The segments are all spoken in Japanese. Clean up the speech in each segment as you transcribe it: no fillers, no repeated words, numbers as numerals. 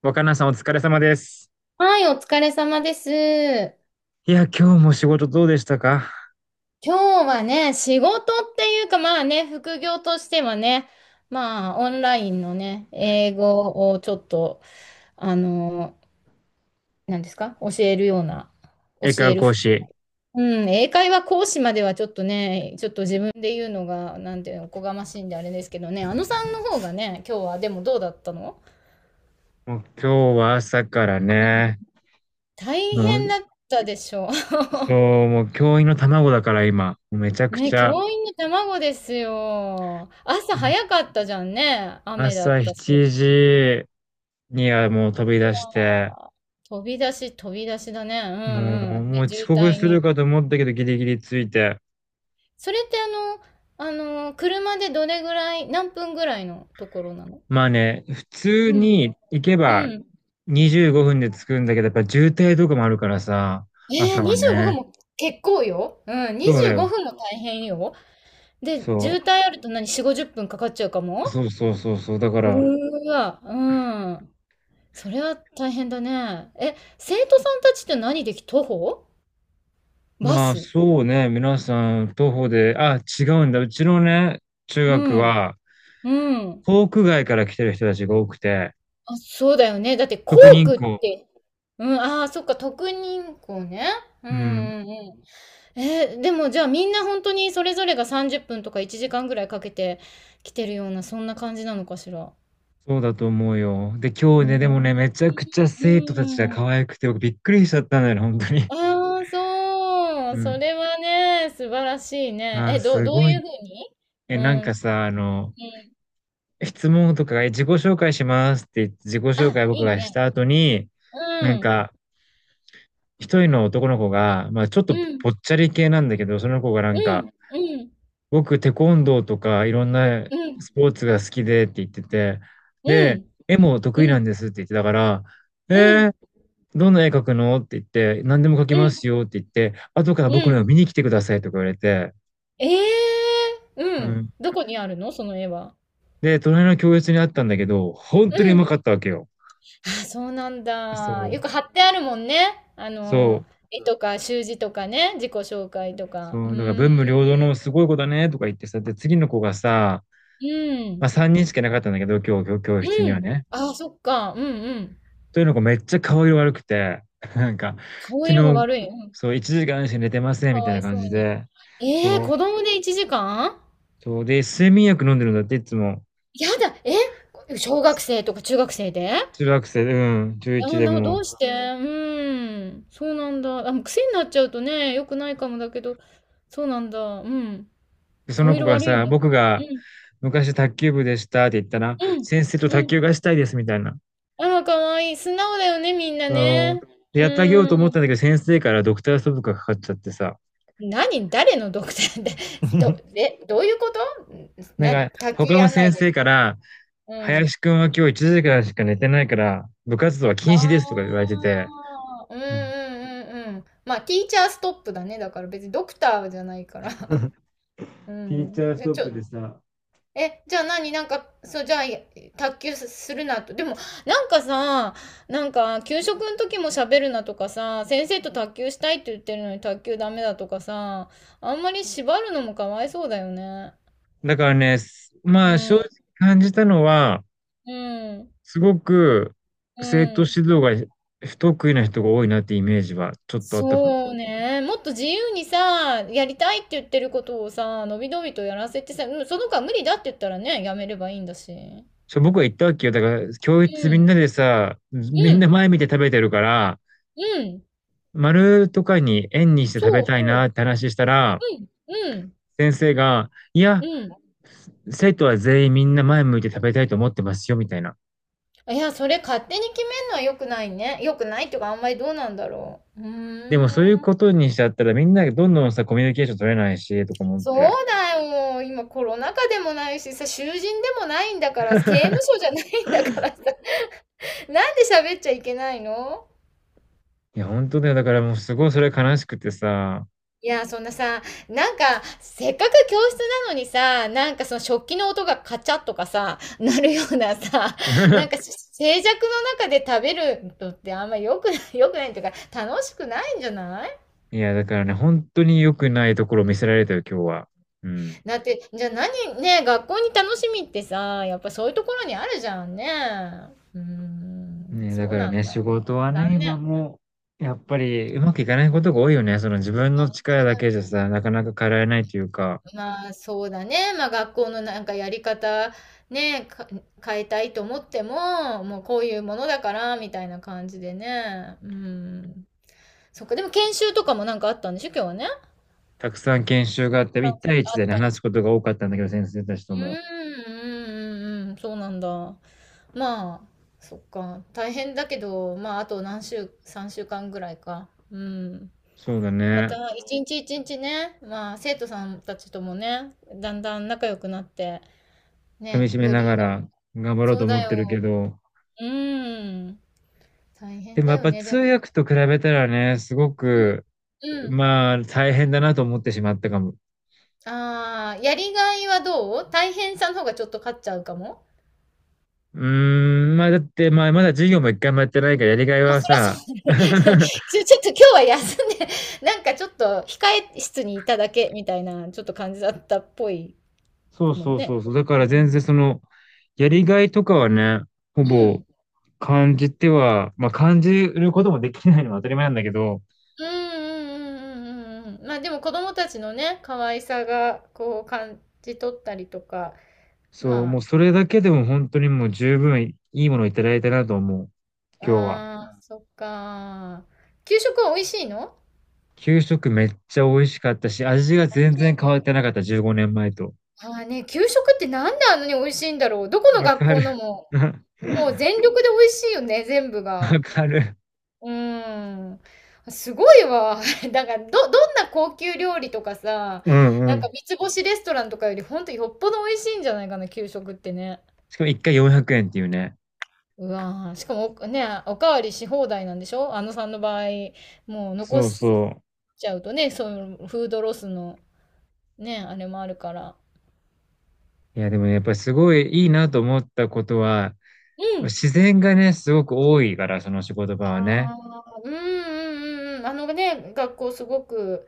若菜さんお疲れ様です。はい、お疲れ様です。いや、今日も仕事どうでしたか？今日はね、仕事っていうか、まあね、副業としてはね、まあ、オンラインのね、英語をちょっと、あの、何ですか、教えるような、教英会話える講ふ、師。うん、英会話講師まではちょっとね、ちょっと自分で言うのが、なんていうの、おこがましいんであれですけどね、あのさんの方がね、今日は、でもどうだったの？もう今日は朝からうん、ね、大も変う、だったでしょう。そう、もう教員の卵だから今、もうめちゃくね、ちゃ、教員の卵ですよ。朝早かったじゃんね。雨だっ朝たし。7時にはもう飛び出して、あー、飛び出しだね。うもんうう、ん。もで、う渋遅刻滞するに。かと思ったけどギリギリついて。それってあの、車でどれぐらい、何分ぐらいのところなの？まあね、普通うん。に行けうばん。25分で着くんだけど、やっぱ渋滞とかもあるからさ、朝は25ね。分も結構よ。うん、そうだ25よ。分も大変よ。で、渋そ滞あると何、4、50分かかっちゃうかう。も？そうそうそうそう。だから、うーわ、うん。それは大変だね。え、生徒さんたちって何でき、徒歩？バまあ、ス。そうね。皆さん、徒歩で、あ、違うんだ。うちのね、中う学ん。は、うん。航空外から来てる人たちが多くて、あ、そうだよね。だって校特に区っこて、うん、ああ、そっか、特任校ね。うんう、うん、うんうん。でもじゃあみんな本当にそれぞれが30分とか1時間ぐらいかけて来てるような、そんな感じなのかしら。そうだと思うよ。で、今う日ね、でもん、ね、めちゃくちゃう生徒たちがん。可愛くて、僕びっくりしちゃったんだよね、本当に。ああ、そう。うそん。れはね、素晴らしいね。あー、え、すどうごいうい。ふうに？え、うなん、んうかん。さ、あの、質問とかが、自己紹介しますって言って、自己紹あ、介僕いいがしね。た後に、うなんん、か、一人の男の子が、まあ、ちょっうとん、ぽっちゃり系なんだけど、その子がなんうん、か、うん、僕、テコンドーとかいろんなうん、スポーツが好きでって言ってて、うで、ん。絵もう得意なん、んですって言ってたから、うえん、ー、どんな絵描くのって言って、何でも描きうまん、すよって言って、後からう僕の絵をん。見に来てくださいとか言われて、ええ、ううん。ん。どこにあるのその絵は？で、隣の教室にあったんだけど、本う当にうまん。かったわけよ。あ、そうなんそだ。う、よく貼ってあるもんね。あその、う、絵とか習字とかね、自己紹介とか。うそう、だからーん。文武両道のすごい子だねとか言ってさ、で、次の子がさ、うまん。あ3人しかいなかったんだけど、今日教室うにん。はね。あ、そっか。うんうん。というのがめっちゃ顔色悪くて、なんか、顔色が昨日、悪い。うん。そう、1時間しか寝てませんかみたいわない感そうじに。で、ええ、そう、子供で1時間？そう、で、睡眠薬飲んでるんだって、いつも。やだ。え、小学生とか中学生で？中学生、うん、あ11あ、でども。うして？うん。そうなんだ。あ、もう癖になっちゃうとね、良くないかもだけど、そうなんだ。うん。でそ顔の子色が悪いんさ、だ。僕うがん、昔卓球部でしたって言ったら、うん、先生とう卓ん。球がしたいですみたいな。あら、可愛いい。素直だよね、みんなそね。う。で、うやってあげようーと思ったん。んだけど、先生からドクターストップがかかっちゃってさ。何？誰のドクターって、どういうこと？ん、何？卓球他のやんな先いで。生から、うん。林くんは今日1時間しか寝てないから、部活動はあ禁止ですとか言われてて、あ、うんううんんうんうん。まあ、ティーチャーストップだね、だから別にドクターじゃないから。うティーチャん。ースで、トッちょプでさ、え、じゃあ何なんか、そう、じゃあ、卓球するなと。でも、なんかさ、なんか、給食の時も喋るなとかさ、先生と卓球したいって言ってるのに卓球ダメだとかさ、あんまり縛るのもかわいそうだよね。だからね、すうまあ正直ん、感じたのは、うん、すごくう生徒指ん。導が不得意な人が多いなってイメージはちょっとあったかも。そうね。もっと自由にさ、やりたいって言ってることをさ、のびのびとやらせてさ、うん、その子は無理だって言ったらね、やめればいいんだし。うそう僕は言ったわけよ。だから教室みんん、なでさ、みうんなん、前見て食べてるから、うん。丸とかに円にして食べそうたいなそって話したら、う。うん、うん、先生が、いや、うん。生徒は全員みんな前向いて食べたいと思ってますよ、みたいな。いや、それ勝手に決めるのは良くないね。良くないっていうか、あんまりどうなんだろう。うでもそういうーん。ことにしちゃったらみんながどんどんさ、コミュニケーション取れないし、とか思っそうて。だよ。今コロナ禍でもないしさ、囚人でもないんだから、刑務所じゃないんだからさ、なんで喋っちゃいけないの？いや、本当だよ。だからもうすごいそれ悲しくてさ。いや、そんなさ、なんか、せっかく教室なのにさ、なんかその食器の音がカチャッとかさ、なるようなさ、なんか 静寂の中で食べるのってあんま良くない、良くないっていうか、楽しくないんじゃない？いや、だからね、本当に良くないところを見せられたよ、今日は。うん。だって、じゃあ何、ね、学校に楽しみってさ、やっぱそういうところにあるじゃんね。うーん、ね、だそうからなんね、仕だ。事はね、残念。今もう、やっぱりうまくいかないことが多いよね。その自分の力違だう。けじゃさ、なかなか変えられないというか、まあ、そうだね。まあ、学校のなんかやり方、ね、変えたいと思っても、もうこういうものだから、みたいな感じでね。うん。そっか、でも研修とかもなんかあったんでしょ、今日はね。たくさん研修があって、ああ、1対1でっね、たり話しすて。ことが多かったんだけど、先生たちとうん、うも。ん、うん、うん、そうなんだ。まあ、そっか。大変だけど、まあ、あと3週間ぐらいか。うん。そうだまね。た、一日一日ね、まあ、生徒さんたちともね、だんだん仲良くなって、噛みね、締めよなりがな、ら頑張ろうそとう思だってるけよ。ど、うん。大で変もだやっよぱね、で通も。訳と比べたらね、すごうん。く、うん。まあ大変だなと思ってしまったかも。ああ、やりがいはどう？大変さの方がちょっと勝っちゃうかも？うーん、まあだってまあまだ授業も一回もやってないからやりがいまあ、はそりゃそさ、うだね。ちょっと今日は休んで、なんかちょっと控え室にいただけみたいな、ちょっと感じだったっぽいそうもんそうね。そうそう。だかうら全ん。然その、やりがいとかはね、ほうぼん。感じては、まあ感じることもできないのは当たり前なんだけど、うんうんうんうんうんうん。まあでも子供たちのね、可愛さがこう感じ取ったりとか。そう、まもうそれだけでも本当にもう十分いいものをいただいたなと思う、あ、今日は。ああ、そっか。給食は美味しいの？給食めっちゃ美味しかったし、味が美味全しいよ然変わっね。てなかった、15年前と。ああね、給食ってなんであんなに美味しいんだろう。どこのわ学か校る。のも、もう全力で美味しいよね、全部が。わかる。うーん。すごいわ。なんかどんな高級料理とかさ、うんうなんかん。三つ星レストランとかよりほんとよっぽど美味しいんじゃないかな、給食ってね。しかも一回400円っていうね。うわー、しかもおかわりし放題なんでしょ、あのさんの場合。もう残そうしそちゃうとね、そういうフードロスのね、あれもあるから。ういや、でもねやっぱりすごいいいなと思ったことは、うん。自然がね、すごく多いから、その仕事場はね。ああ、うんうんうんうん。あのね、学校すごく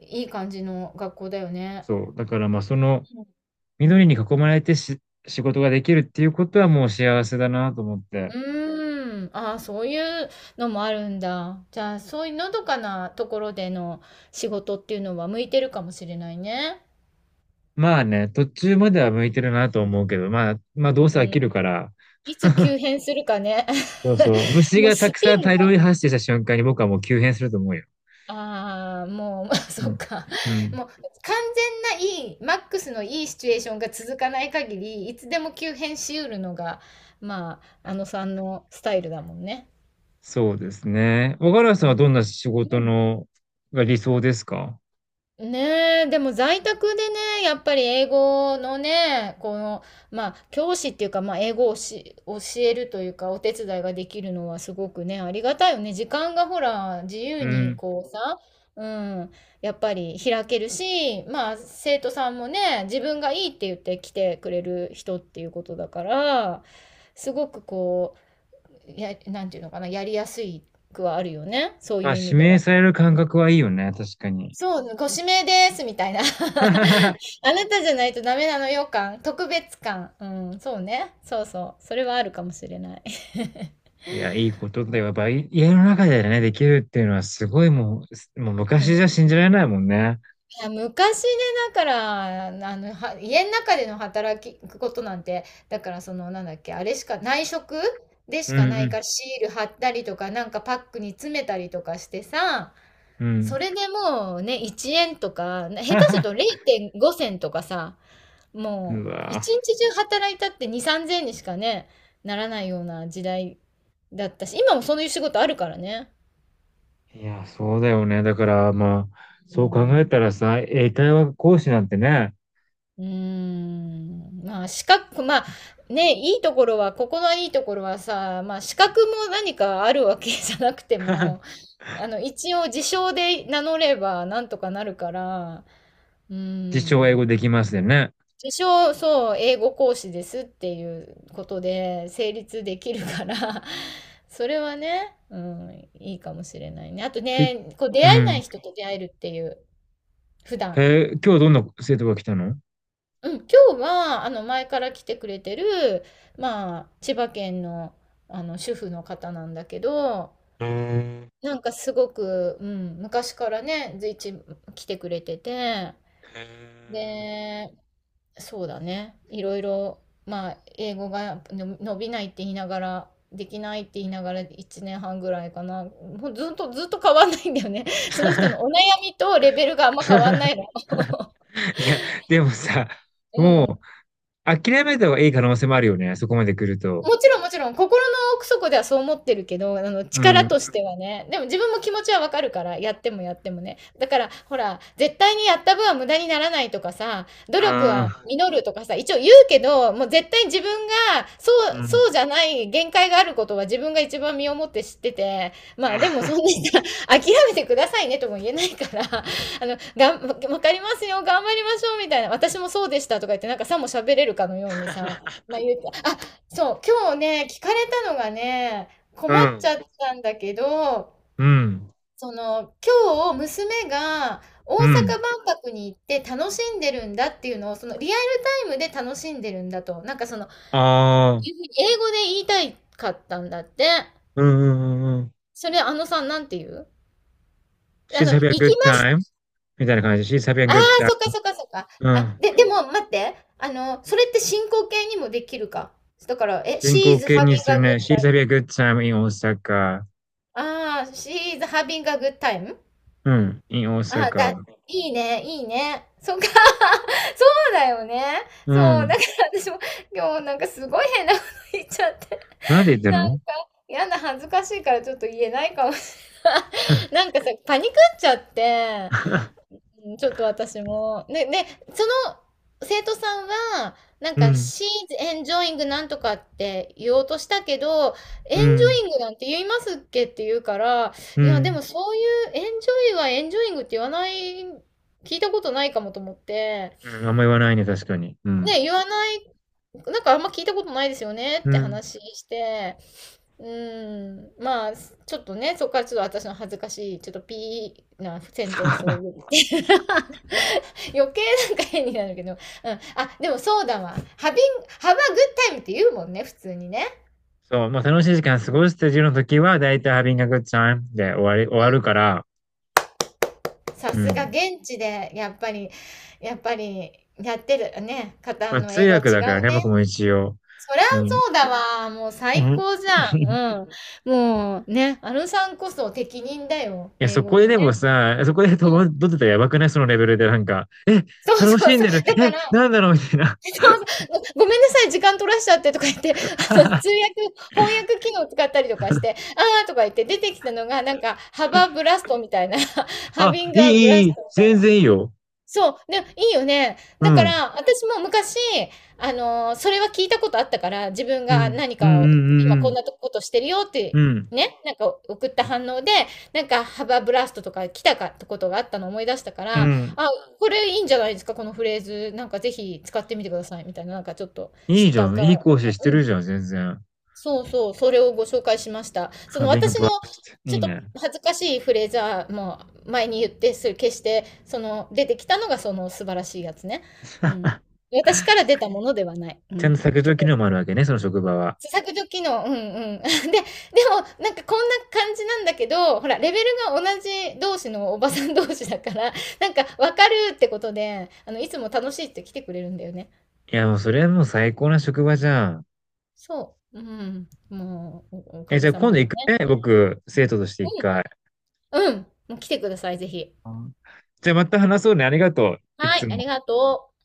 いい感じの学校だよね。そう。だからまあその、緑に囲まれてし仕事ができるっていうことはもう幸せだなと思っうて。ーん。ああ、そういうのもあるんだ。じゃあ、そういうのどかなところでの仕事っていうのは向いてるかもしれないね。まあね、途中までは向いてるなと思うけど、まあどううせ飽きるん。から、いつ急変するかね。そうそう。虫もうがたスくピさんン大量が、に発生した瞬間に僕はもう急変すると思うよ。ああ、もう、うそっん。か。うん。もう完全ないい、マックスのいいシチュエーションが続かない限り、いつでも急変しうるのが、まあ、あのさんのスタイルだもんね。そうですね。若林さんうはどんな仕事ん。のが理想ですか？ねえ、でも在宅でね、やっぱり英語のね、この、まあ、教師っていうか、まあ、英語を教えるというか、お手伝いができるのはすごくね、ありがたいよね。時間がほら、自由うにん。こうさ、うん、やっぱり開けるし、まあ、生徒さんもね、自分がいいって言って来てくれる人っていうことだから、すごくこう、なんていうのかな、やりやすくはあるよね。そういまあ、う意味指で名は。される感覚はいいよね、確かに。そう、ご指名です、みたいな。あ なたじゃないとダメなのよ感、特別感。うん、そうね。そうそう。それはあるかもしれない。いや、いいことだよ。やっぱい家の中でね、できるっていうのはすごいもう、もうう昔ん、じゃい信じられないもんね。や昔ね、だから、あの、家の中でのことなんて、だからその、なんだっけ、あれしか、内職でうしかないかんら、シール貼ったりとか、なんかパックに詰めたりとかしてさ、うん。うそん。れでもうね、1円とか、下手すると 0.5銭とかさ、うもう、わ一日中働いたって2、3000円にしかね、ならないような時代だったし、今もそういう仕事あるからね。いや、そうだよね。だから、まあ、うそう考えん。たらさ、英会話講師なんてね、うーん。まあ、資格、まあ、ね、いいところは、ここのいいところはさ、まあ、資格も何かあるわけじゃなくても、あの、一応、自称で名乗ればなんとかなるから、う自称英語ん。できますよね。自称、そう、英語講師ですっていうことで成立できるから。 それはね、うん、いいかもしれないね。あとひ、ね、こう出う会えなん。い人と出会えるっていう、普段。へえ、今日どんな生徒が来たの？うん、今日は、前から来てくれてる、まあ、千葉県の、主婦の方なんだけど、うーん。なんかすごく、うん、昔からね、随一来てくれてて、で、そうだね。いろいろ、まあ、英語がの伸びないって言いながら、できないって言いながら1年半ぐらいかな。もうずっと変わんないんだよね。その人のお悩みとレベルがあんま変わんな いの。いや、でもさ、うもう、ん。諦めた方がいい可能性もあるよね、そこまで来ると。もちろんもちろん、心の奥底ではそう思ってるけど、う力ん。としてはね。でも自分も気持ちはわかるから、やってもやってもね。だから、ほら、絶対にやった分は無駄にならないとかさ、努力ああ、は実るとかさ、一応言うけど、もう絶対に自分が、そううそうん。じゃない限界があることは自分が一番身をもって知ってて、まあでもそんなにさ、諦めてくださいねとも言えないから、がんわかりますよ、頑張りましょうみたいな、私もそうでしたとか言って、なんかさも喋れるかのようにさ、まあ言うて、あ、そう、今日ね、聞かれたのがね、困うっちん。ゃったんだけど、うん。その、今日娘が大うん。阪万博に行って楽しんでるんだっていうのを、そのリアルタイムで楽しんでるんだと、なんかその、ああ、英語で言いたいかったんだって。うんうんうんうん。それ、あのさん、なんて言うShe's 行 having a き good ました。time？ みたいな感じ。She's having a ああ、good time。 そっかそっかそっか。うあ、ん。で、でも待って。あの、それって進行形にもできるか。だから、え、進 she 行 is having 形にする a good ね。She's time. having a good time in Osaka。 ああ、she is having a good time? うん。in あ、だ Osaka。 いいね、いいね。そっか。そうだよね。うそう、だん。から私も今日なんかすごい変なこと言っちゃって。なんで言 ったなんの？ やな、恥ずかしいからちょっと言えないかもしれない。なんかさ、パニクっちゃって、うん、ちょっと私も。ね、ね、その生徒さんは、なんうか、ん。She's enjoying なんとかって言おうとしたけど、うん。enjoying なんて言いますっけって言うから、ういや、でん。もそういう enjoy は enjoying って言わない、聞いたことないかもと思って、うん、あんま言わないね、確かに。うん。ね、言わない、なんかあんま聞いたことないですよねうってん。話して、うん、まあ、ちょっとね、そこからちょっと私の恥ずかしい、ちょっとピーなセンテンスを言っ て。余計なんか変になるけど。うん。あ、でもそうだわ。ハビン、ハバグッタイムって言うもんね、普通にね。そう、まあ楽しい時間過ごしてるの時は、だいたい having a good time で終わり、終わるから、さうすがん。現地で、やっぱり、やっぱり、やってるね、方まあの通英語は違う訳だからね、僕ね。も一応。そりゃうん。そうだわ。もうう最ん。高じゃ いん。うん。もうね、あのさんこそ適任だよ。や、英そ語こでのでもね。さ、そこでう戸惑ん。ってたらやばくない？そのレベルでなんか、そうそ楽うしんそう。でる。だかえ、ら、なんだろうみたいな。ごめんなさい、時間取らしちゃってとか言って、通訳、翻 訳機能使ったりとかして、ああとか言って出てきたのが、なんか、ハバーブラストみたいな ハあ、ビンいグい、アブいラい、スいトい。みたい全然いいよ。そう、で、いいよね。うだかん。ら、私も昔、それは聞いたことあったから、自分うがん。何うん、うかを、今ん、うこんん、なとことしてるよっうて、ん。ね、なんか送った反応で、なんかハバーブラストとか来たかってことがあったのを思い出したかうん。ら、うん。あ、これいいんじゃないですか、このフレーズ、なんかぜひ使ってみてください、みたいな、なんかちょっと知いいっじゃたん。か、いい講師してねるじゃん、全然。そうそう、それをご紹介しました。その having a 私の blast。 ちいょいっとね。恥ずかしいフレーズはもう前に言ってそれ決して、その出てきたのがその素晴らしいやつね。うん。私から出たものではない。うちゃんん。と削け除機ど、能もあるわけね、その職場は。削除機能、うんうん。で、でもなんかこんな感じなんだけど、ほら、レベルが同じ同士のおばさん同士だから、なんかわかるってことで、いつも楽しいって来てくれるんだよね。いや、もうそれはもう最高な職場じゃん。そう。うん。もう、おおかえ、じげゃあさ今ま度で行ね。くね、僕、生徒として一回。ううん。もう来てください、ぜひ。んじゃあまた話そうね、ありがとう。いはい、つあも。りがとう。